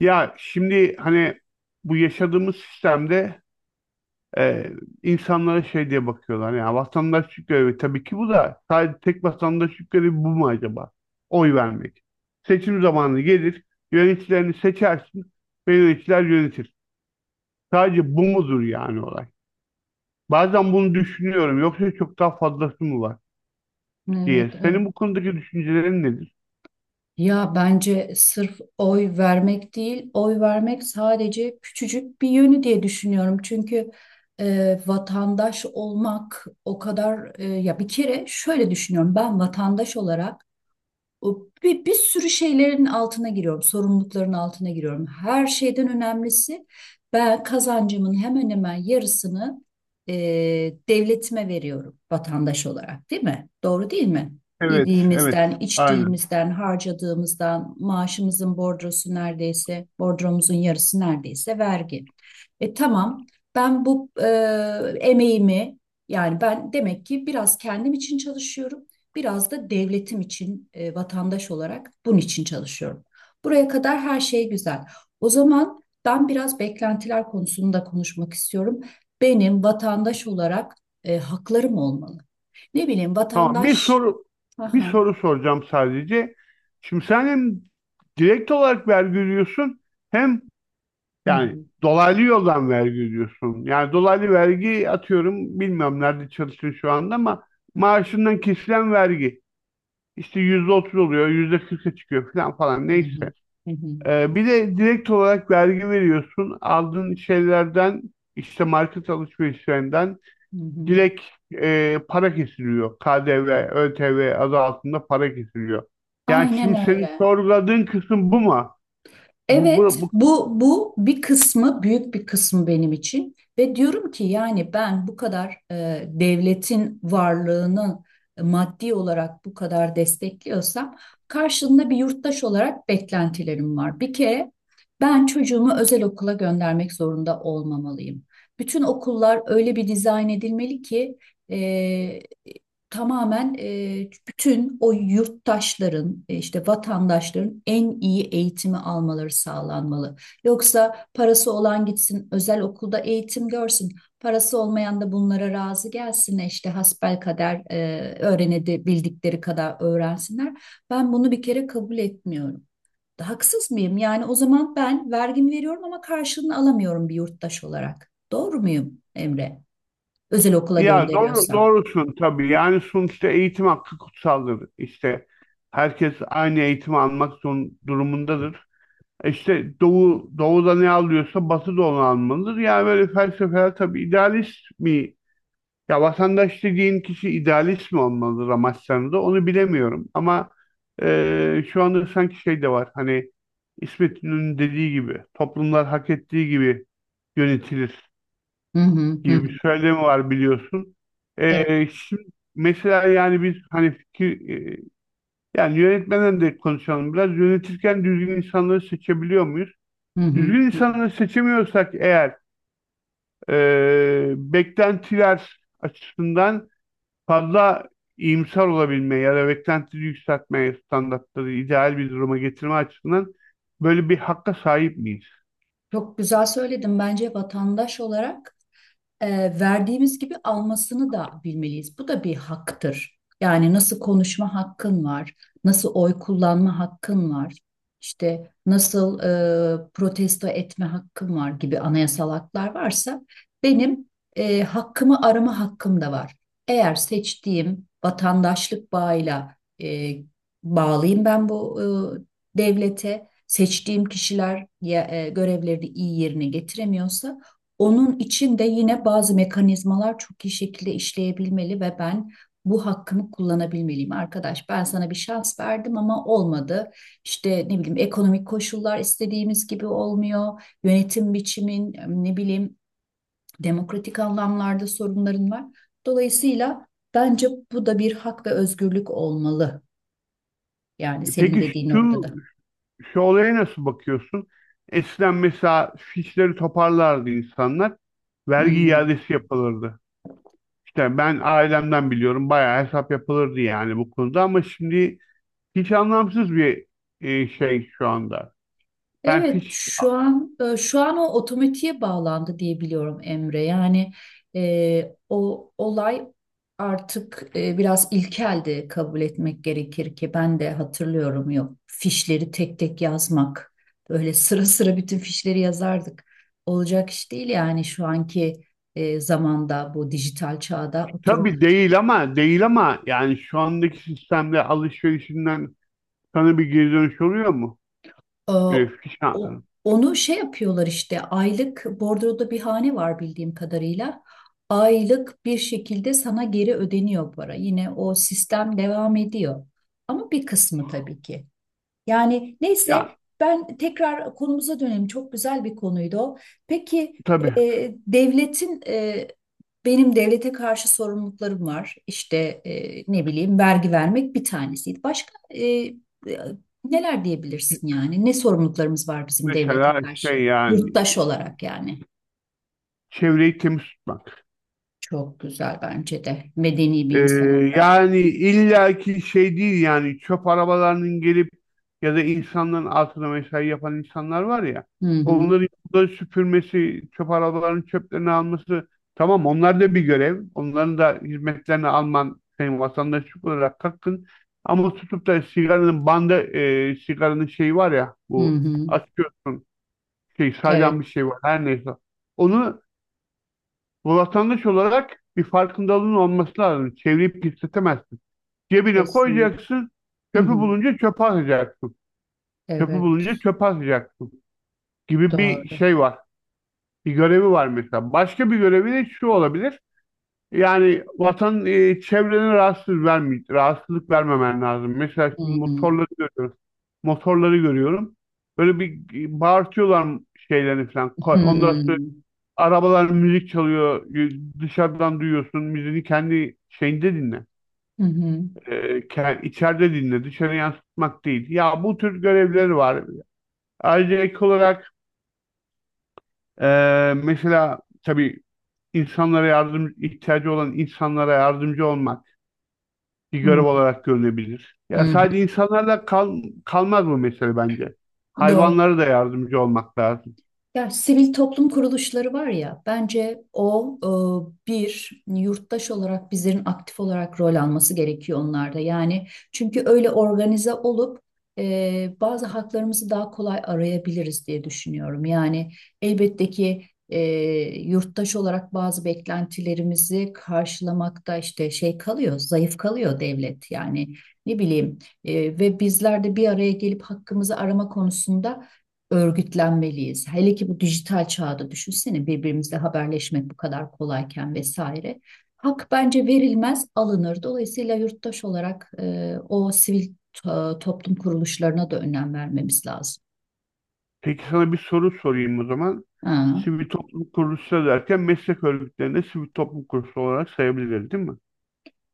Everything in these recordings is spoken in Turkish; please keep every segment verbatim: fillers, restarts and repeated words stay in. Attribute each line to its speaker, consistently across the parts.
Speaker 1: Ya şimdi hani bu yaşadığımız sistemde e, insanlara şey diye bakıyorlar. Yani vatandaş görevi, tabii ki bu da, sadece tek vatandaşlık görevi bu mu acaba? Oy vermek. Seçim zamanı gelir, yöneticilerini seçersin ve yöneticiler yönetir. Sadece bu mudur yani olay? Bazen bunu düşünüyorum. Yoksa çok daha fazlası mı var
Speaker 2: Evet,
Speaker 1: diye. Senin
Speaker 2: evet.
Speaker 1: bu konudaki düşüncelerin nedir?
Speaker 2: Ya bence sırf oy vermek değil, oy vermek sadece küçücük bir yönü diye düşünüyorum. Çünkü e, vatandaş olmak o kadar e, ya bir kere şöyle düşünüyorum. Ben vatandaş olarak o bir, bir sürü şeylerin altına giriyorum, sorumlulukların altına giriyorum. Her şeyden önemlisi ben kazancımın hemen hemen yarısını e, devletime veriyorum vatandaş olarak, değil mi? Doğru değil mi?
Speaker 1: Evet, evet.
Speaker 2: Yediğimizden,
Speaker 1: Aynen.
Speaker 2: içtiğimizden, harcadığımızdan, maaşımızın bordrosu neredeyse, bordromuzun yarısı neredeyse vergi. E tamam, ben bu e, emeğimi yani ben demek ki biraz kendim için çalışıyorum. Biraz da devletim için e, vatandaş olarak bunun için çalışıyorum. Buraya kadar her şey güzel. O zaman ben biraz beklentiler konusunu da konuşmak istiyorum. Benim vatandaş olarak e, haklarım olmalı. Ne bileyim
Speaker 1: Tamam, bir
Speaker 2: vatandaş.
Speaker 1: soru bir
Speaker 2: Aha.
Speaker 1: soru soracağım sadece. Şimdi sen hem direkt olarak vergi ödüyorsun, hem
Speaker 2: Hı
Speaker 1: yani
Speaker 2: hı.
Speaker 1: dolaylı yoldan vergi ödüyorsun. Yani dolaylı vergi, atıyorum, bilmiyorum nerede çalışıyorsun şu anda, ama maaşından kesilen vergi işte yüzde otuz oluyor, yüzde kırka çıkıyor, falan falan,
Speaker 2: Hı
Speaker 1: neyse.
Speaker 2: hı. Hı hı.
Speaker 1: Ee, bir de direkt olarak vergi veriyorsun aldığın şeylerden, işte market alışverişlerinden
Speaker 2: Hı hı.
Speaker 1: direkt e, para kesiliyor. K D V, Ö T V adı altında para kesiliyor. Yani şimdi
Speaker 2: Aynen
Speaker 1: senin
Speaker 2: öyle.
Speaker 1: sorguladığın kısım bu mu? Bu,
Speaker 2: Evet,
Speaker 1: bu, bu-
Speaker 2: bu bu bir kısmı, büyük bir kısmı benim için, ve diyorum ki yani ben bu kadar e, devletin varlığını e, maddi olarak bu kadar destekliyorsam, karşılığında bir yurttaş olarak beklentilerim var. Bir kere ben çocuğumu özel okula göndermek zorunda olmamalıyım. Bütün okullar öyle bir dizayn edilmeli ki e, tamamen e, bütün o yurttaşların, e, işte vatandaşların, en iyi eğitimi almaları sağlanmalı. Yoksa parası olan gitsin özel okulda eğitim görsün. Parası olmayan da bunlara razı gelsin işte hasbelkader e, öğrenedi bildikleri kadar öğrensinler. Ben bunu bir kere kabul etmiyorum. Haksız mıyım? Yani o zaman ben vergimi veriyorum ama karşılığını alamıyorum bir yurttaş olarak. Doğru muyum Emre? Özel okula
Speaker 1: Ya doğru,
Speaker 2: gönderiyorsam.
Speaker 1: doğrusun tabii. Yani sonuçta eğitim hakkı kutsaldır. İşte herkes aynı eğitimi almak zorun, durumundadır. E, İşte Doğu, Doğu'da ne alıyorsa, Batı da onu almalıdır. Yani böyle felsefeler, tabii, idealist mi? Ya vatandaş dediğin kişi idealist mi olmalı Ramazan'da, onu bilemiyorum, ama e, şu anda sanki şey de var, hani İsmet İnönü'nün dediği gibi toplumlar hak ettiği gibi yönetilir
Speaker 2: Hı hı, hı
Speaker 1: gibi
Speaker 2: hı.
Speaker 1: bir söylemi var, biliyorsun.
Speaker 2: Evet.
Speaker 1: E, şimdi, mesela, yani biz, hani, fikir, e, yani yönetmeden de konuşalım, biraz yönetirken düzgün insanları seçebiliyor muyuz?
Speaker 2: Hı hı,
Speaker 1: Düzgün
Speaker 2: hı.
Speaker 1: insanları seçemiyorsak eğer, e, beklentiler açısından fazla iyimser olabilme ya da beklentileri yükseltmeye, standartları ideal bir duruma getirme açısından, böyle bir hakka sahip miyiz?
Speaker 2: Çok güzel söyledim. Bence vatandaş olarak e, verdiğimiz gibi almasını da bilmeliyiz. Bu da bir haktır. Yani nasıl konuşma hakkın var, nasıl oy kullanma hakkın var, işte nasıl e, protesto etme hakkın var gibi anayasal haklar varsa, benim e, hakkımı arama hakkım da var. Eğer seçtiğim vatandaşlık bağıyla e, bağlıyım ben bu e, devlete, seçtiğim kişiler ya, e, görevlerini iyi yerine getiremiyorsa, onun için de yine bazı mekanizmalar çok iyi şekilde işleyebilmeli ve ben bu hakkımı kullanabilmeliyim. Arkadaş ben sana bir şans verdim ama olmadı. İşte ne bileyim, ekonomik koşullar istediğimiz gibi olmuyor. Yönetim biçimin, ne bileyim, demokratik anlamlarda sorunların var. Dolayısıyla bence bu da bir hak ve özgürlük olmalı. Yani senin
Speaker 1: Peki
Speaker 2: dediğin
Speaker 1: şu,
Speaker 2: noktada.
Speaker 1: şu olaya nasıl bakıyorsun? Eskiden, mesela, fişleri toparlardı insanlar. Vergi
Speaker 2: Hmm.
Speaker 1: iadesi yapılırdı. İşte ben ailemden biliyorum, bayağı hesap yapılırdı yani bu konuda, ama şimdi hiç anlamsız bir e, şey şu anda. Ben
Speaker 2: Evet,
Speaker 1: fiş
Speaker 2: şu an e, şu an o otomatiğe bağlandı diye biliyorum Emre. Yani e, o olay artık e, biraz ilkeldi, kabul etmek gerekir ki, ben de hatırlıyorum, yok fişleri tek tek yazmak. Böyle sıra sıra bütün fişleri yazardık. Olacak iş değil yani şu anki e, zamanda, bu dijital çağda oturup.
Speaker 1: Tabii değil ama değil ama yani şu andaki sistemde alışverişinden sana bir geri dönüş oluyor mu?
Speaker 2: Ee,
Speaker 1: Öyle
Speaker 2: o-
Speaker 1: fişan.
Speaker 2: onu şey yapıyorlar işte, aylık bordroda bir hane var bildiğim kadarıyla. Aylık bir şekilde sana geri ödeniyor para. Yine o sistem devam ediyor. Ama bir kısmı tabii ki. Yani neyse,
Speaker 1: Ya
Speaker 2: ben tekrar konumuza dönelim. Çok güzel bir konuydu o. Peki
Speaker 1: tabii.
Speaker 2: e, devletin e, benim devlete karşı sorumluluklarım var. İşte e, ne bileyim, vergi vermek bir tanesiydi. Başka e, e, neler diyebilirsin yani? Ne sorumluluklarımız var bizim devlete
Speaker 1: Mesela, şey,
Speaker 2: karşı?
Speaker 1: yani
Speaker 2: Yurttaş olarak yani.
Speaker 1: çevreyi temiz tutmak.
Speaker 2: Çok güzel, bence de, medeni bir
Speaker 1: Ee,
Speaker 2: insan olarak.
Speaker 1: Yani illaki şey değil, yani çöp arabalarının gelip ya da insanların altına mesai yapan insanlar var ya,
Speaker 2: Hı hı.
Speaker 1: onların yolları süpürmesi, çöp arabalarının çöplerini alması, tamam, onlar da bir görev. Onların da hizmetlerini alman senin vatandaşlık olarak hakkın. Ama tutup da sigaranın bandı, e, sigaranın şeyi var ya
Speaker 2: Hı
Speaker 1: bu,
Speaker 2: hı.
Speaker 1: açıyorsun, şey,
Speaker 2: Evet,
Speaker 1: saydam bir şey var, her neyse. Onu, bu, vatandaş olarak bir farkındalığın olması lazım. Çevirip pisletemezsin. Cebine
Speaker 2: kesin.
Speaker 1: koyacaksın.
Speaker 2: Hı
Speaker 1: Çöpü
Speaker 2: hı.
Speaker 1: bulunca çöpe atacaksın. Çöpü bulunca
Speaker 2: Evet,
Speaker 1: çöpe atacaksın gibi bir
Speaker 2: doğru.
Speaker 1: şey var. Bir görevi var mesela. Başka bir görevi de şu olabilir. Yani vatan e, çevrene rahatsız verme, rahatsızlık vermemen lazım. Mesela
Speaker 2: Hı
Speaker 1: şimdi
Speaker 2: hı.
Speaker 1: motorları görüyorum. Motorları görüyorum. Böyle bir e, bağırtıyorlar şeylerini falan. Ko- Ondan sonra
Speaker 2: Hmm.
Speaker 1: arabalar müzik çalıyor. Y- Dışarıdan duyuyorsun. Müziğini kendi şeyinde dinle.
Speaker 2: Hı hı.
Speaker 1: E, ke- içeride dinle, dışarı yansıtmak değil. Ya bu tür görevleri var. Ayrıca, ek olarak, e, mesela, tabii, insanlara yardım, ihtiyacı olan insanlara yardımcı olmak bir
Speaker 2: Hı hı.
Speaker 1: görev olarak görülebilir.
Speaker 2: Hı
Speaker 1: Ya
Speaker 2: hı.
Speaker 1: sadece insanlarla kal, kalmaz bu mesele, bence.
Speaker 2: Doğru.
Speaker 1: Hayvanlara da yardımcı olmak lazım.
Speaker 2: Ya sivil toplum kuruluşları var ya, bence o e, bir yurttaş olarak bizlerin aktif olarak rol alması gerekiyor onlarda. Yani çünkü öyle organize olup e, bazı haklarımızı daha kolay arayabiliriz diye düşünüyorum. Yani elbette ki e, yurttaş olarak bazı beklentilerimizi karşılamakta işte şey kalıyor, zayıf kalıyor devlet. Yani ne bileyim e, ve bizler de bir araya gelip hakkımızı arama konusunda örgütlenmeliyiz. Hele ki bu dijital çağda, düşünsene, birbirimizle haberleşmek bu kadar kolayken vesaire. Hak bence verilmez, alınır. Dolayısıyla yurttaş olarak e, o sivil to- toplum kuruluşlarına da önem vermemiz lazım.
Speaker 1: Peki sana bir soru sorayım o zaman.
Speaker 2: Ha,
Speaker 1: Sivil toplum kuruluşları derken, meslek örgütlerinde sivil toplum kuruluşu olarak sayabiliriz, değil mi?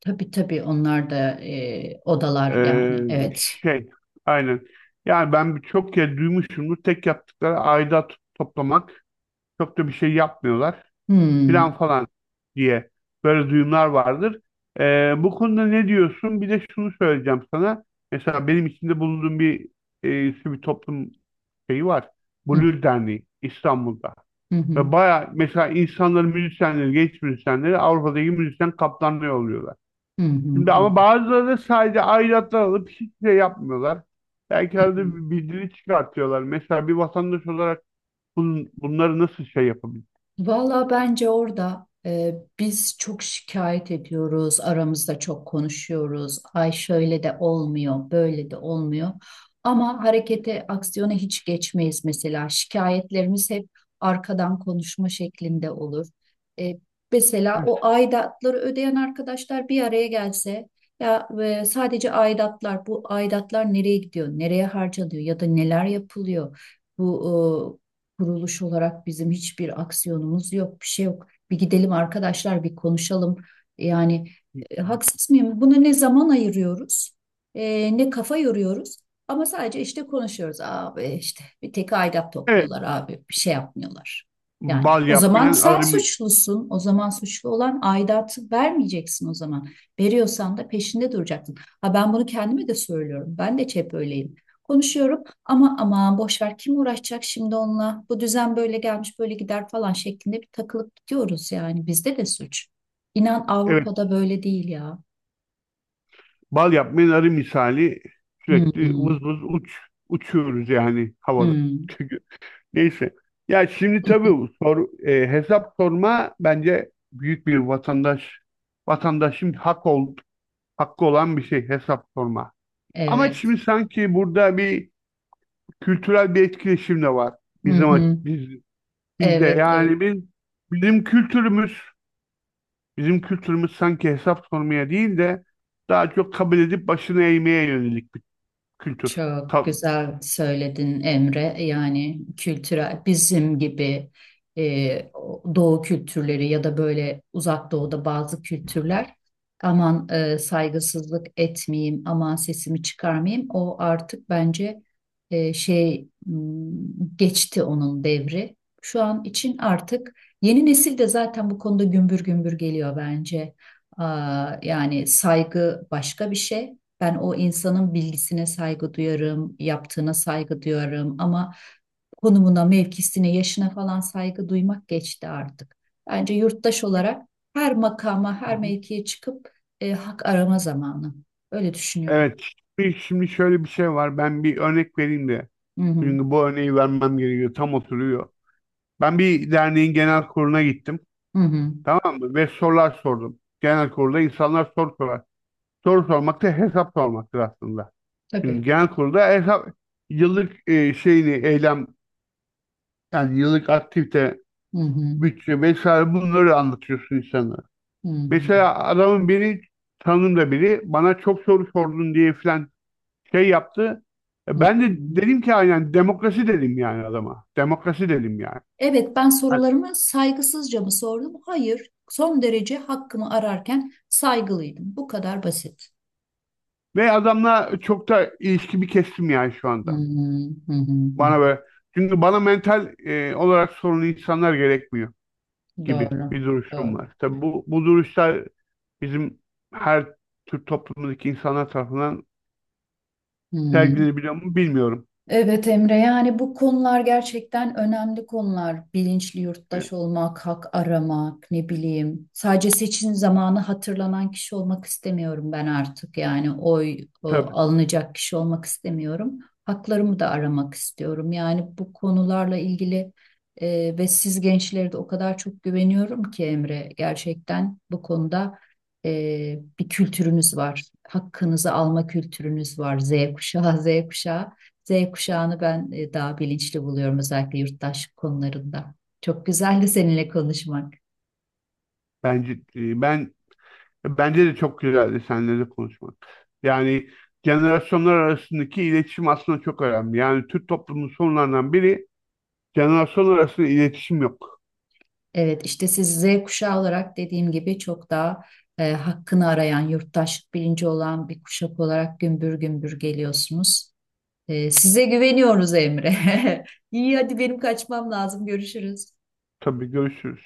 Speaker 2: tabii tabii, onlar da e, odalar,
Speaker 1: Ee,
Speaker 2: yani evet.
Speaker 1: şey, aynen. Yani ben çok kez duymuşumdur. Tek yaptıkları aidat toplamak. Çok da bir şey yapmıyorlar. Filan
Speaker 2: Hmm.
Speaker 1: falan, diye böyle duyumlar vardır. Ee, bu konuda ne diyorsun? Bir de şunu söyleyeceğim sana. Mesela benim içinde bulunduğum bir e, sivil toplum şeyi var.
Speaker 2: Hı
Speaker 1: Blur Derneği, İstanbul'da.
Speaker 2: hı, hı
Speaker 1: Ve baya, mesela, insanların müzisyenleri, genç müzisyenleri Avrupa'daki müzisyen kaptanlığı oluyorlar.
Speaker 2: hı, hı
Speaker 1: Şimdi
Speaker 2: hı,
Speaker 1: ama bazıları da sadece aidatlar alıp hiçbir şey yapmıyorlar.
Speaker 2: hı,
Speaker 1: Belki arada
Speaker 2: hı.
Speaker 1: bir bildiri çıkartıyorlar. Mesela, bir vatandaş olarak bun, bunları nasıl şey yapabilir?
Speaker 2: Valla bence orada e, biz çok şikayet ediyoruz, aramızda çok konuşuyoruz. Ay şöyle de olmuyor, böyle de olmuyor. Ama harekete, aksiyona hiç geçmeyiz mesela. Şikayetlerimiz hep arkadan konuşma şeklinde olur. E, mesela o aidatları ödeyen arkadaşlar bir araya gelse, ya e, sadece aidatlar, bu aidatlar nereye gidiyor, nereye harcanıyor ya da neler yapılıyor? Bu kuruluş olarak bizim hiçbir aksiyonumuz yok, bir şey yok. Bir gidelim arkadaşlar, bir konuşalım. Yani e, haksız mıyım? Buna ne zaman ayırıyoruz, e, ne kafa yoruyoruz. Ama sadece işte konuşuyoruz. Abi işte bir tek aidat
Speaker 1: Evet,
Speaker 2: topluyorlar abi, bir şey yapmıyorlar. Yani
Speaker 1: bal
Speaker 2: o zaman
Speaker 1: yapmayan
Speaker 2: sen
Speaker 1: arı mi-
Speaker 2: suçlusun. O zaman suçlu olan aidatı vermeyeceksin o zaman. Veriyorsan da peşinde duracaksın. Ha, ben bunu kendime de söylüyorum. Ben de hep öyleyim. Konuşuyorum. Ama aman boş ver, kim uğraşacak şimdi onunla? Bu düzen böyle gelmiş böyle gider falan şeklinde bir takılıp gidiyoruz yani. Bizde de suç. İnan
Speaker 1: evet,
Speaker 2: Avrupa'da böyle değil ya.
Speaker 1: bal yapmayan arı misali
Speaker 2: Hı hı.
Speaker 1: sürekli vız vız uç uçuyoruz yani havada.
Speaker 2: Hı.
Speaker 1: Çünkü neyse. Ya şimdi, tabii, bu sor, e, hesap sorma bence büyük bir vatandaş vatandaşın hak ol, hakkı olan bir şey, hesap sorma. Ama
Speaker 2: Evet.
Speaker 1: şimdi sanki burada bir kültürel bir etkileşim de var.
Speaker 2: Hı
Speaker 1: Bizim
Speaker 2: hı.
Speaker 1: biz bizde
Speaker 2: Evet, evet.
Speaker 1: yani biz bizim kültürümüz, bizim kültürümüz sanki hesap sormaya değil de, daha çok kabul edip başını eğmeye yönelik bir kültür.
Speaker 2: Çok
Speaker 1: Ta-
Speaker 2: güzel söyledin Emre. Yani kültürel, bizim gibi e, o- doğu kültürleri ya da böyle uzak doğuda bazı kültürler, aman e, saygısızlık etmeyeyim, aman sesimi çıkarmayayım. O artık bence e, şey m, geçti onun devri. Şu an için artık yeni nesil de zaten bu konuda gümbür gümbür geliyor bence. Aa, yani saygı başka bir şey. Ben o insanın bilgisine saygı duyarım, yaptığına saygı duyarım ama konumuna, mevkisine, yaşına falan saygı duymak geçti artık. Bence yurttaş olarak her makama, her mevkiye çıkıp e, hak arama zamanı. Öyle düşünüyorum.
Speaker 1: Evet. Şimdi şimdi şöyle bir şey var. Ben bir örnek vereyim de.
Speaker 2: Hı hı.
Speaker 1: Çünkü bu örneği vermem gerekiyor. Tam oturuyor. Ben bir derneğin genel kuruluna gittim.
Speaker 2: Hı hı.
Speaker 1: Tamam mı? Ve sorular sordum. Genel kurulda insanlar soru sorar. Soru sormak da hesap sormaktır aslında. Çünkü
Speaker 2: Tabii.
Speaker 1: genel kurulda hesap, yıllık, e, şeyini, eylem, yani yıllık aktivite,
Speaker 2: Hı hı.
Speaker 1: bütçe vesaire, bunları anlatıyorsun insanlara.
Speaker 2: Hı hı.
Speaker 1: Mesela adamın biri, tanımda biri, bana çok soru sordun diye filan şey yaptı.
Speaker 2: Hı
Speaker 1: E, ben de
Speaker 2: hı.
Speaker 1: dedim ki, aynen demokrasi, dedim yani adama. Demokrasi dedim yani.
Speaker 2: Evet, ben
Speaker 1: Yani
Speaker 2: sorularımı saygısızca mı sordum? Hayır. Son derece hakkımı ararken saygılıydım. Bu kadar basit.
Speaker 1: ve adamla çok da ilişkimi kestim yani şu
Speaker 2: Hı
Speaker 1: anda.
Speaker 2: hı. Hı hı. Hı.
Speaker 1: Bana böyle, çünkü bana mental e, olarak sorunlu insanlar gerekmiyor gibi
Speaker 2: Doğru.
Speaker 1: bir duruşum
Speaker 2: Doğru.
Speaker 1: var. Tabii bu bu duruşlar bizim her Türk toplumundaki insanlar tarafından
Speaker 2: Hmm.
Speaker 1: sergilenebiliyor mu bilmiyorum.
Speaker 2: Evet Emre, yani bu konular gerçekten önemli konular. Bilinçli
Speaker 1: E,
Speaker 2: yurttaş olmak, hak aramak, ne bileyim. Sadece seçim zamanı hatırlanan kişi olmak istemiyorum ben artık. Yani oy o,
Speaker 1: tabii,
Speaker 2: alınacak kişi olmak istemiyorum. Haklarımı da aramak istiyorum. Yani bu konularla ilgili e, ve siz gençlere de o kadar çok güveniyorum ki Emre. Gerçekten bu konuda e, bir kültürünüz var. Hakkınızı alma kültürünüz var. Z kuşağı, Z kuşağı. Z kuşağını ben e, daha bilinçli buluyorum özellikle yurttaşlık konularında. Çok güzeldi seninle konuşmak.
Speaker 1: bence, e, ben bence de çok güzeldi seninle de konuşmak. Yani jenerasyonlar arasındaki iletişim aslında çok önemli. Yani Türk toplumunun sorunlarından biri, jenerasyonlar arasında iletişim yok.
Speaker 2: Evet işte siz Z kuşağı olarak dediğim gibi çok daha e, hakkını arayan, yurttaşlık bilinci olan bir kuşak olarak gümbür gümbür geliyorsunuz. E, size güveniyoruz Emre. İyi hadi benim kaçmam lazım. Görüşürüz.
Speaker 1: Tabii, görüşürüz.